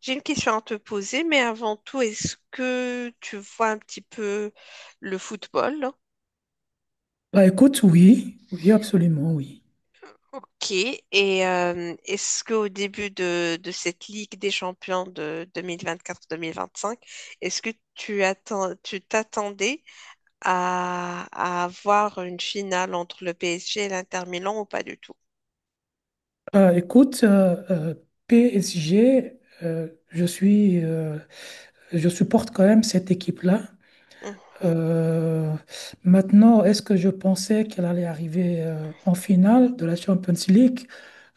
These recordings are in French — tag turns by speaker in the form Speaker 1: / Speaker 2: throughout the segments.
Speaker 1: J'ai une question à te poser, mais avant tout, est-ce que tu vois un petit peu le football?
Speaker 2: Écoute, oui, oui, absolument, oui.
Speaker 1: Ok. Et est-ce qu'au début de cette Ligue des champions de 2024-2025, est-ce que tu t'attendais à avoir une finale entre le PSG et l'Inter Milan ou pas du tout?
Speaker 2: Écoute, PSG, je suis, je supporte quand même cette équipe-là.
Speaker 1: Mhm.
Speaker 2: Euh, Maintenant, est-ce que je pensais qu'elle allait arriver en finale de la Champions League?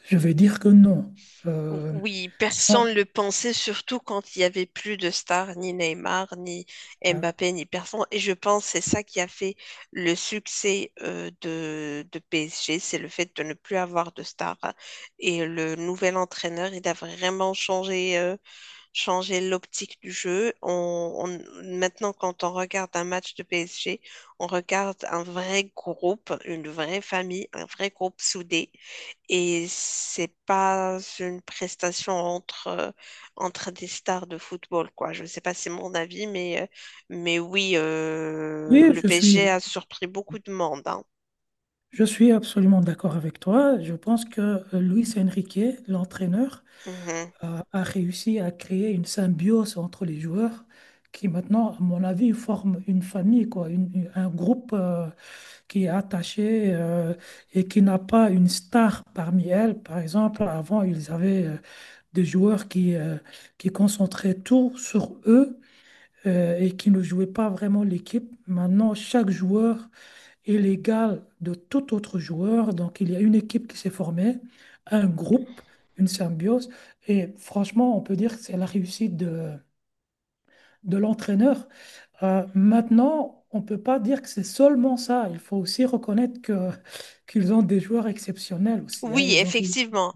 Speaker 2: Je vais dire que non. Euh,
Speaker 1: Oui, personne
Speaker 2: ah,
Speaker 1: ne le pensait, surtout quand il n'y avait plus de stars, ni Neymar, ni
Speaker 2: ah,
Speaker 1: Mbappé, ni personne. Et je pense que c'est ça qui a fait le succès de PSG, c'est le fait de ne plus avoir de stars. Et le nouvel entraîneur, il a vraiment changé changer l'optique du jeu. Maintenant, quand on regarde un match de PSG, on regarde un vrai groupe, une vraie famille, un vrai groupe soudé. Et c'est pas une prestation entre des stars de football, quoi. Je ne sais pas, si c'est mon avis, mais oui,
Speaker 2: oui,
Speaker 1: le PSG a surpris beaucoup de monde, hein.
Speaker 2: je suis absolument d'accord avec toi. Je pense que Luis Enrique, l'entraîneur,
Speaker 1: Mhm.
Speaker 2: a réussi à créer une symbiose entre les joueurs qui maintenant, à mon avis, forment une famille, quoi, un groupe qui est attaché et qui n'a pas une star parmi elles. Par exemple, avant, ils avaient des joueurs qui concentraient tout sur eux et qui ne jouaient pas vraiment l'équipe. Maintenant, chaque joueur est l'égal de tout autre joueur. Donc, il y a une équipe qui s'est formée, un groupe, une symbiose. Et franchement, on peut dire que c'est la réussite de l'entraîneur. Maintenant, on ne peut pas dire que c'est seulement ça. Il faut aussi reconnaître que, qu'ils ont des joueurs exceptionnels aussi, hein.
Speaker 1: Oui,
Speaker 2: Ils ont réussi.
Speaker 1: effectivement.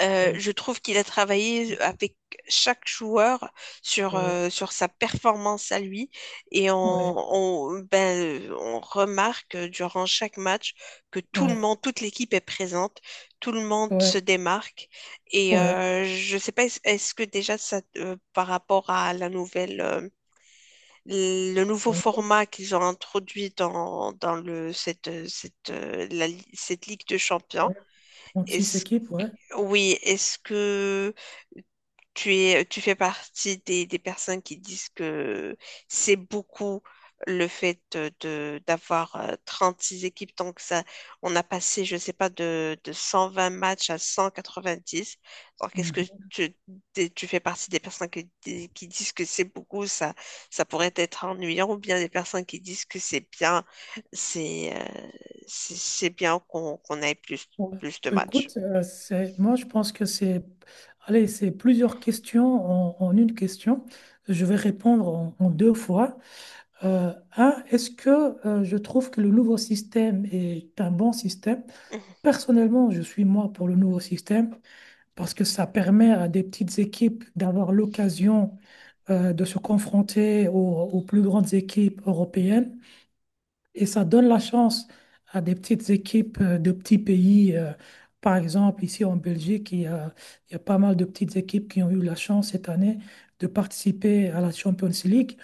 Speaker 2: Ouais,
Speaker 1: Je trouve qu'il a travaillé avec chaque joueur sur,
Speaker 2: ouais,
Speaker 1: euh, sur sa performance à lui et
Speaker 2: ouais,
Speaker 1: on remarque durant chaque match que
Speaker 2: ouais,
Speaker 1: toute l'équipe est présente, tout le monde se démarque et
Speaker 2: ouais,
Speaker 1: je sais pas, est-ce que déjà ça, par rapport à la nouvelle, le nouveau format qu'ils ont introduit dans, dans le, cette, cette, la cette Ligue de Champions,
Speaker 2: ouais. 36
Speaker 1: est-ce
Speaker 2: équipes, ouais.
Speaker 1: oui, est-ce que tu fais partie des personnes qui disent que c'est beaucoup, le fait de, d'avoir six équipes, donc ça, on a passé, je sais pas, de 120 matchs à 190. Donc, est-ce que
Speaker 2: Mm.
Speaker 1: tu, tu fais partie des personnes qui disent que c'est beaucoup, ça pourrait être ennuyant, ou bien des personnes qui disent que c'est bien, c'est euh, c'est bien qu'on ait plus,
Speaker 2: Ouais.
Speaker 1: plus de matchs?
Speaker 2: Écoute, c'est, moi je pense que c'est, allez, c'est plusieurs questions en, en une question. Je vais répondre en, en deux fois. Un, est-ce que je trouve que le nouveau système est un bon système? Personnellement, je suis moi pour le nouveau système parce que ça permet à des petites équipes d'avoir l'occasion de se confronter aux plus grandes équipes européennes. Et ça donne la chance à des petites équipes de petits pays. Par exemple, ici en Belgique, il y a pas mal de petites équipes qui ont eu la chance cette année de participer à la Champions League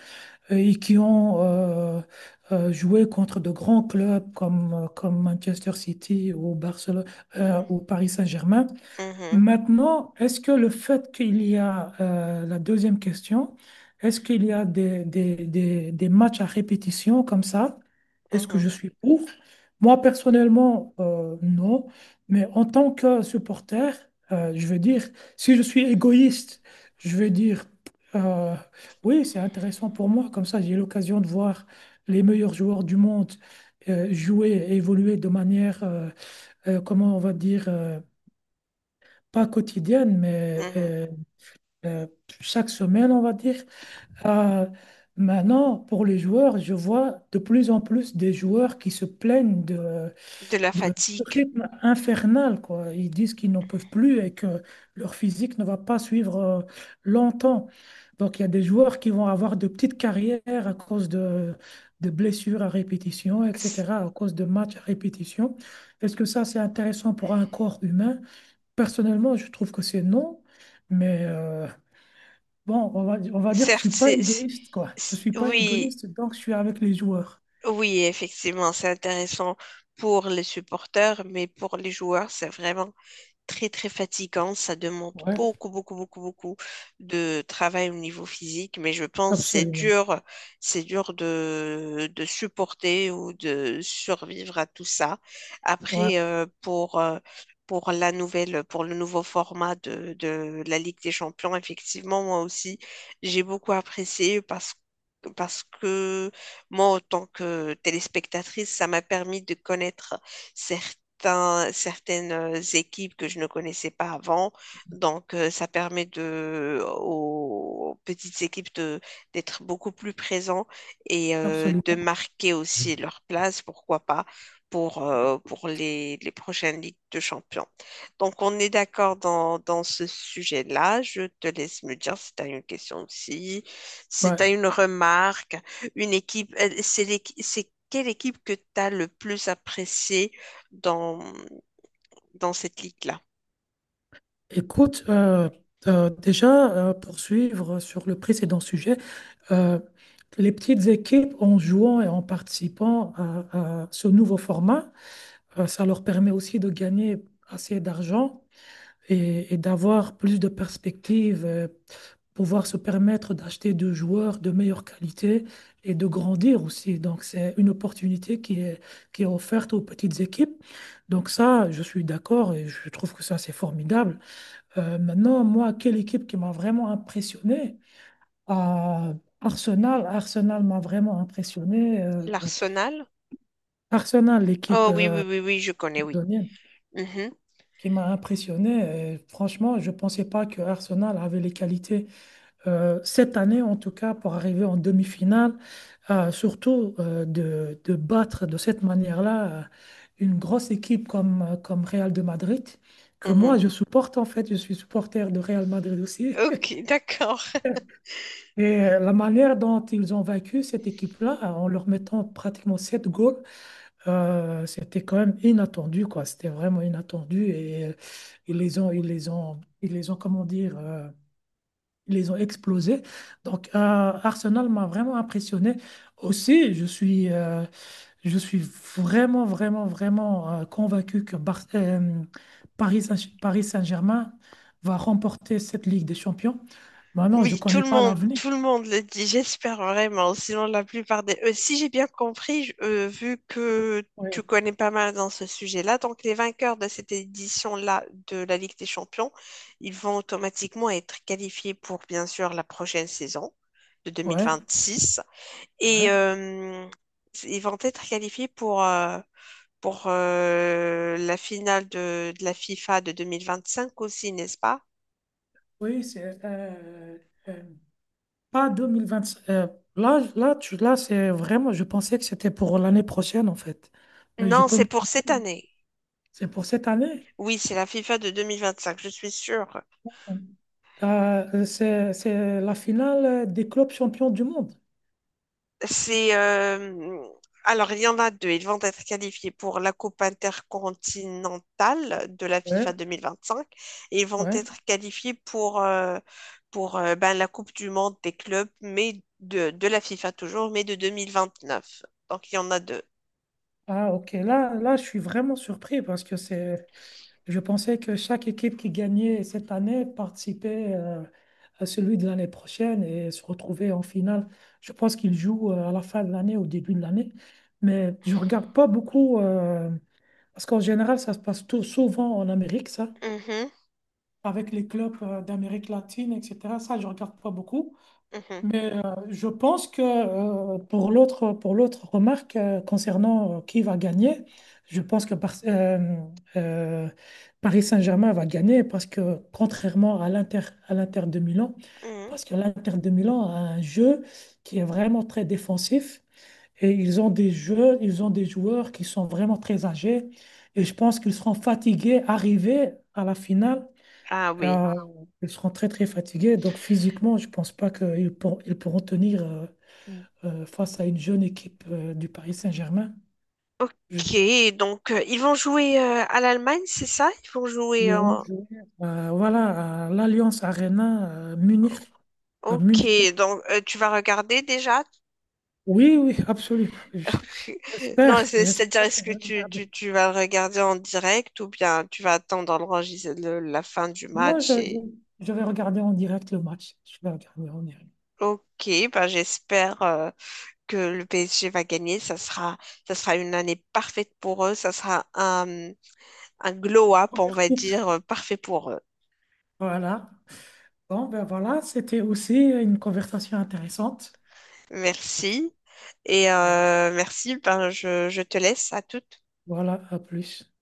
Speaker 2: et qui ont joué contre de grands clubs comme, comme Manchester City ou Barcelone ou Paris Saint-Germain.
Speaker 1: Mhm.
Speaker 2: Maintenant, est-ce que le fait qu'il y a la deuxième question, est-ce qu'il y a des matchs à répétition comme ça? Est-ce que
Speaker 1: Mhm,
Speaker 2: je suis pour? Moi, personnellement, non. Mais en tant que supporter, je veux dire, si je suis égoïste, je veux dire, euh, oui, c'est intéressant pour moi. Comme ça, j'ai l'occasion de voir les meilleurs joueurs du monde jouer et évoluer de manière, comment on va dire... pas quotidienne, mais
Speaker 1: mhm.
Speaker 2: euh, chaque semaine, on va dire. Euh, Maintenant, pour les joueurs, je vois de plus en plus des joueurs qui se plaignent
Speaker 1: De la
Speaker 2: de ce
Speaker 1: fatigue.
Speaker 2: rythme infernal, quoi. Ils disent qu'ils n'en peuvent plus et que leur physique ne va pas suivre longtemps. Donc, il y a des joueurs qui vont avoir de petites carrières à cause de blessures à répétition,
Speaker 1: C-
Speaker 2: etc., à cause de matchs à répétition. Est-ce que ça, c'est intéressant pour un corps humain? Personnellement, je trouve que c'est non, mais bon, on va dire que je suis
Speaker 1: Certes,
Speaker 2: pas égoïste, quoi. Je suis pas
Speaker 1: oui,
Speaker 2: égoïste, donc je suis avec les joueurs.
Speaker 1: oui, effectivement, c'est intéressant pour les supporters, mais pour les joueurs, c'est vraiment très très fatigant. Ça demande
Speaker 2: Ouais,
Speaker 1: beaucoup beaucoup beaucoup beaucoup de travail au niveau physique, mais je pense que
Speaker 2: absolument.
Speaker 1: c'est dur de supporter ou de survivre à tout ça.
Speaker 2: Ouais,
Speaker 1: Après, pour le nouveau format de la Ligue des Champions, effectivement, moi aussi, j'ai beaucoup apprécié parce que moi, en tant que téléspectatrice, ça m'a permis de connaître certains certaines équipes que je ne connaissais pas avant. Donc, ça permet de, aux petites équipes d'être beaucoup plus présents et de
Speaker 2: absolument.
Speaker 1: marquer aussi leur place, pourquoi pas, pour les prochaines Ligues de Champions. Donc, on est d'accord dans ce sujet-là. Je te laisse me dire si tu as une question aussi, si
Speaker 2: Bah,
Speaker 1: tu as une remarque, une équipe, c'est quelle équipe que tu as le plus appréciée dans, dans cette ligue-là.
Speaker 2: écoute, déjà, pour suivre sur le précédent sujet, euh, les petites équipes, en jouant et en participant à ce nouveau format, ça leur permet aussi de gagner assez d'argent et d'avoir plus de perspectives. Pouvoir se permettre d'acheter deux joueurs de meilleure qualité et de grandir aussi. Donc, c'est une opportunité qui est offerte aux petites équipes. Donc, ça, je suis d'accord et je trouve que ça, c'est formidable. Maintenant, moi, quelle équipe qui m'a vraiment impressionné? Euh, Arsenal. Arsenal m'a vraiment impressionné.
Speaker 1: L'Arsenal?
Speaker 2: Arsenal, l'équipe
Speaker 1: Oh oui, oui, oui, oui, je connais, oui.
Speaker 2: londonienne,
Speaker 1: Mhm,
Speaker 2: qui m'a impressionné. Et franchement, je ne pensais pas que Arsenal avait les qualités cette année, en tout cas, pour arriver en demi-finale. Surtout de battre de cette manière-là une grosse équipe comme, comme Real de Madrid, que
Speaker 1: mhm.
Speaker 2: moi je supporte en fait, je suis supporter de Real Madrid aussi.
Speaker 1: Ok, d'accord.
Speaker 2: Et la manière dont ils ont vaincu cette équipe-là, en leur mettant pratiquement sept goals, c'était quand même inattendu, quoi. C'était vraiment inattendu et ils les ont, comment dire, ils les ont explosés. Donc, Arsenal m'a vraiment impressionné. Aussi, je suis vraiment, vraiment, vraiment convaincu que Paris Saint-Germain va remporter cette Ligue des Champions. Maintenant, je ne
Speaker 1: Oui,
Speaker 2: connais pas l'avenir.
Speaker 1: tout le monde le dit, j'espère vraiment. Sinon, la plupart des... Si j'ai bien compris, vu que tu
Speaker 2: Oui,
Speaker 1: connais pas mal dans ce sujet-là, donc les vainqueurs de cette édition-là de la Ligue des Champions, ils vont automatiquement être qualifiés pour, bien sûr, la prochaine saison de deux mille
Speaker 2: ouais,
Speaker 1: vingt six Et
Speaker 2: ouais.
Speaker 1: ils vont être qualifiés pour, la finale de la FIFA de 2025 aussi, n'est-ce pas?
Speaker 2: Oui, c'est euh, pas 2025. Là, c'est vraiment, je pensais que c'était pour l'année prochaine, en fait. Mais je
Speaker 1: Non,
Speaker 2: peux
Speaker 1: c'est
Speaker 2: me
Speaker 1: pour cette
Speaker 2: tromper, hein.
Speaker 1: année.
Speaker 2: C'est pour cette année.
Speaker 1: Oui, c'est la FIFA de 2025, je suis sûre.
Speaker 2: C'est la finale des clubs champions du monde.
Speaker 1: C'est Alors il y en a deux. Ils vont être qualifiés pour la Coupe intercontinentale de la FIFA
Speaker 2: Ouais,
Speaker 1: 2025 et ils vont
Speaker 2: ouais.
Speaker 1: être qualifiés pour ben, la Coupe du monde des clubs, mais de la FIFA toujours, mais de 2029. Donc il y en a deux.
Speaker 2: Ah, ok. Là, là, je suis vraiment surpris parce que c'est, je pensais que chaque équipe qui gagnait cette année participait à celui de l'année prochaine et se retrouvait en finale. Je pense qu'ils jouent à la fin de l'année, au début de l'année. Mais je regarde pas beaucoup parce qu'en général, ça se passe tout, souvent en Amérique, ça,
Speaker 1: Mhm,
Speaker 2: avec les clubs d'Amérique latine, etc. Ça, je regarde pas beaucoup.
Speaker 1: mhm,
Speaker 2: Mais je pense que pour l'autre remarque concernant qui va gagner, je pense que euh, Paris Saint-Germain va gagner parce que contrairement à l'Inter de Milan,
Speaker 1: mhm.
Speaker 2: parce que l'Inter de Milan a un jeu qui est vraiment très défensif et ils ont des joueurs qui sont vraiment très âgés et je pense qu'ils seront fatigués arrivés à la finale.
Speaker 1: Ah oui.
Speaker 2: ah, Ils seront très très fatigués, donc physiquement, je ne pense pas ils pourront tenir face à une jeune équipe du Paris Saint-Germain. Je-
Speaker 1: Ok, donc ils vont jouer à l'Allemagne, c'est ça? Ils vont jouer
Speaker 2: Ils vont
Speaker 1: en...
Speaker 2: jouer voilà, à l'Alliance Arena à Munich, à
Speaker 1: Ok,
Speaker 2: Munich.
Speaker 1: donc tu vas regarder déjà?
Speaker 2: Oui, oui, absolument. J-
Speaker 1: Tu- Non,
Speaker 2: J'espère,
Speaker 1: c'est- c'est-à-dire
Speaker 2: j'espère que
Speaker 1: est-ce
Speaker 2: je
Speaker 1: que
Speaker 2: vais regarder.
Speaker 1: tu vas le regarder en direct ou bien tu vas attendre la fin du
Speaker 2: Moi,
Speaker 1: match et...
Speaker 2: je vais regarder en direct le match. Je vais regarder en direct.
Speaker 1: Ok, bah, j'espère que le PSG va gagner. Ça sera une année parfaite pour eux. Ça sera un glow-up, on
Speaker 2: Première
Speaker 1: va
Speaker 2: coupe.
Speaker 1: dire, parfait pour eux.
Speaker 2: Voilà. Bon, ben voilà, c'était aussi une conversation intéressante.
Speaker 1: Merci. Et merci, ben, je te laisse à toutes.
Speaker 2: Voilà, à plus.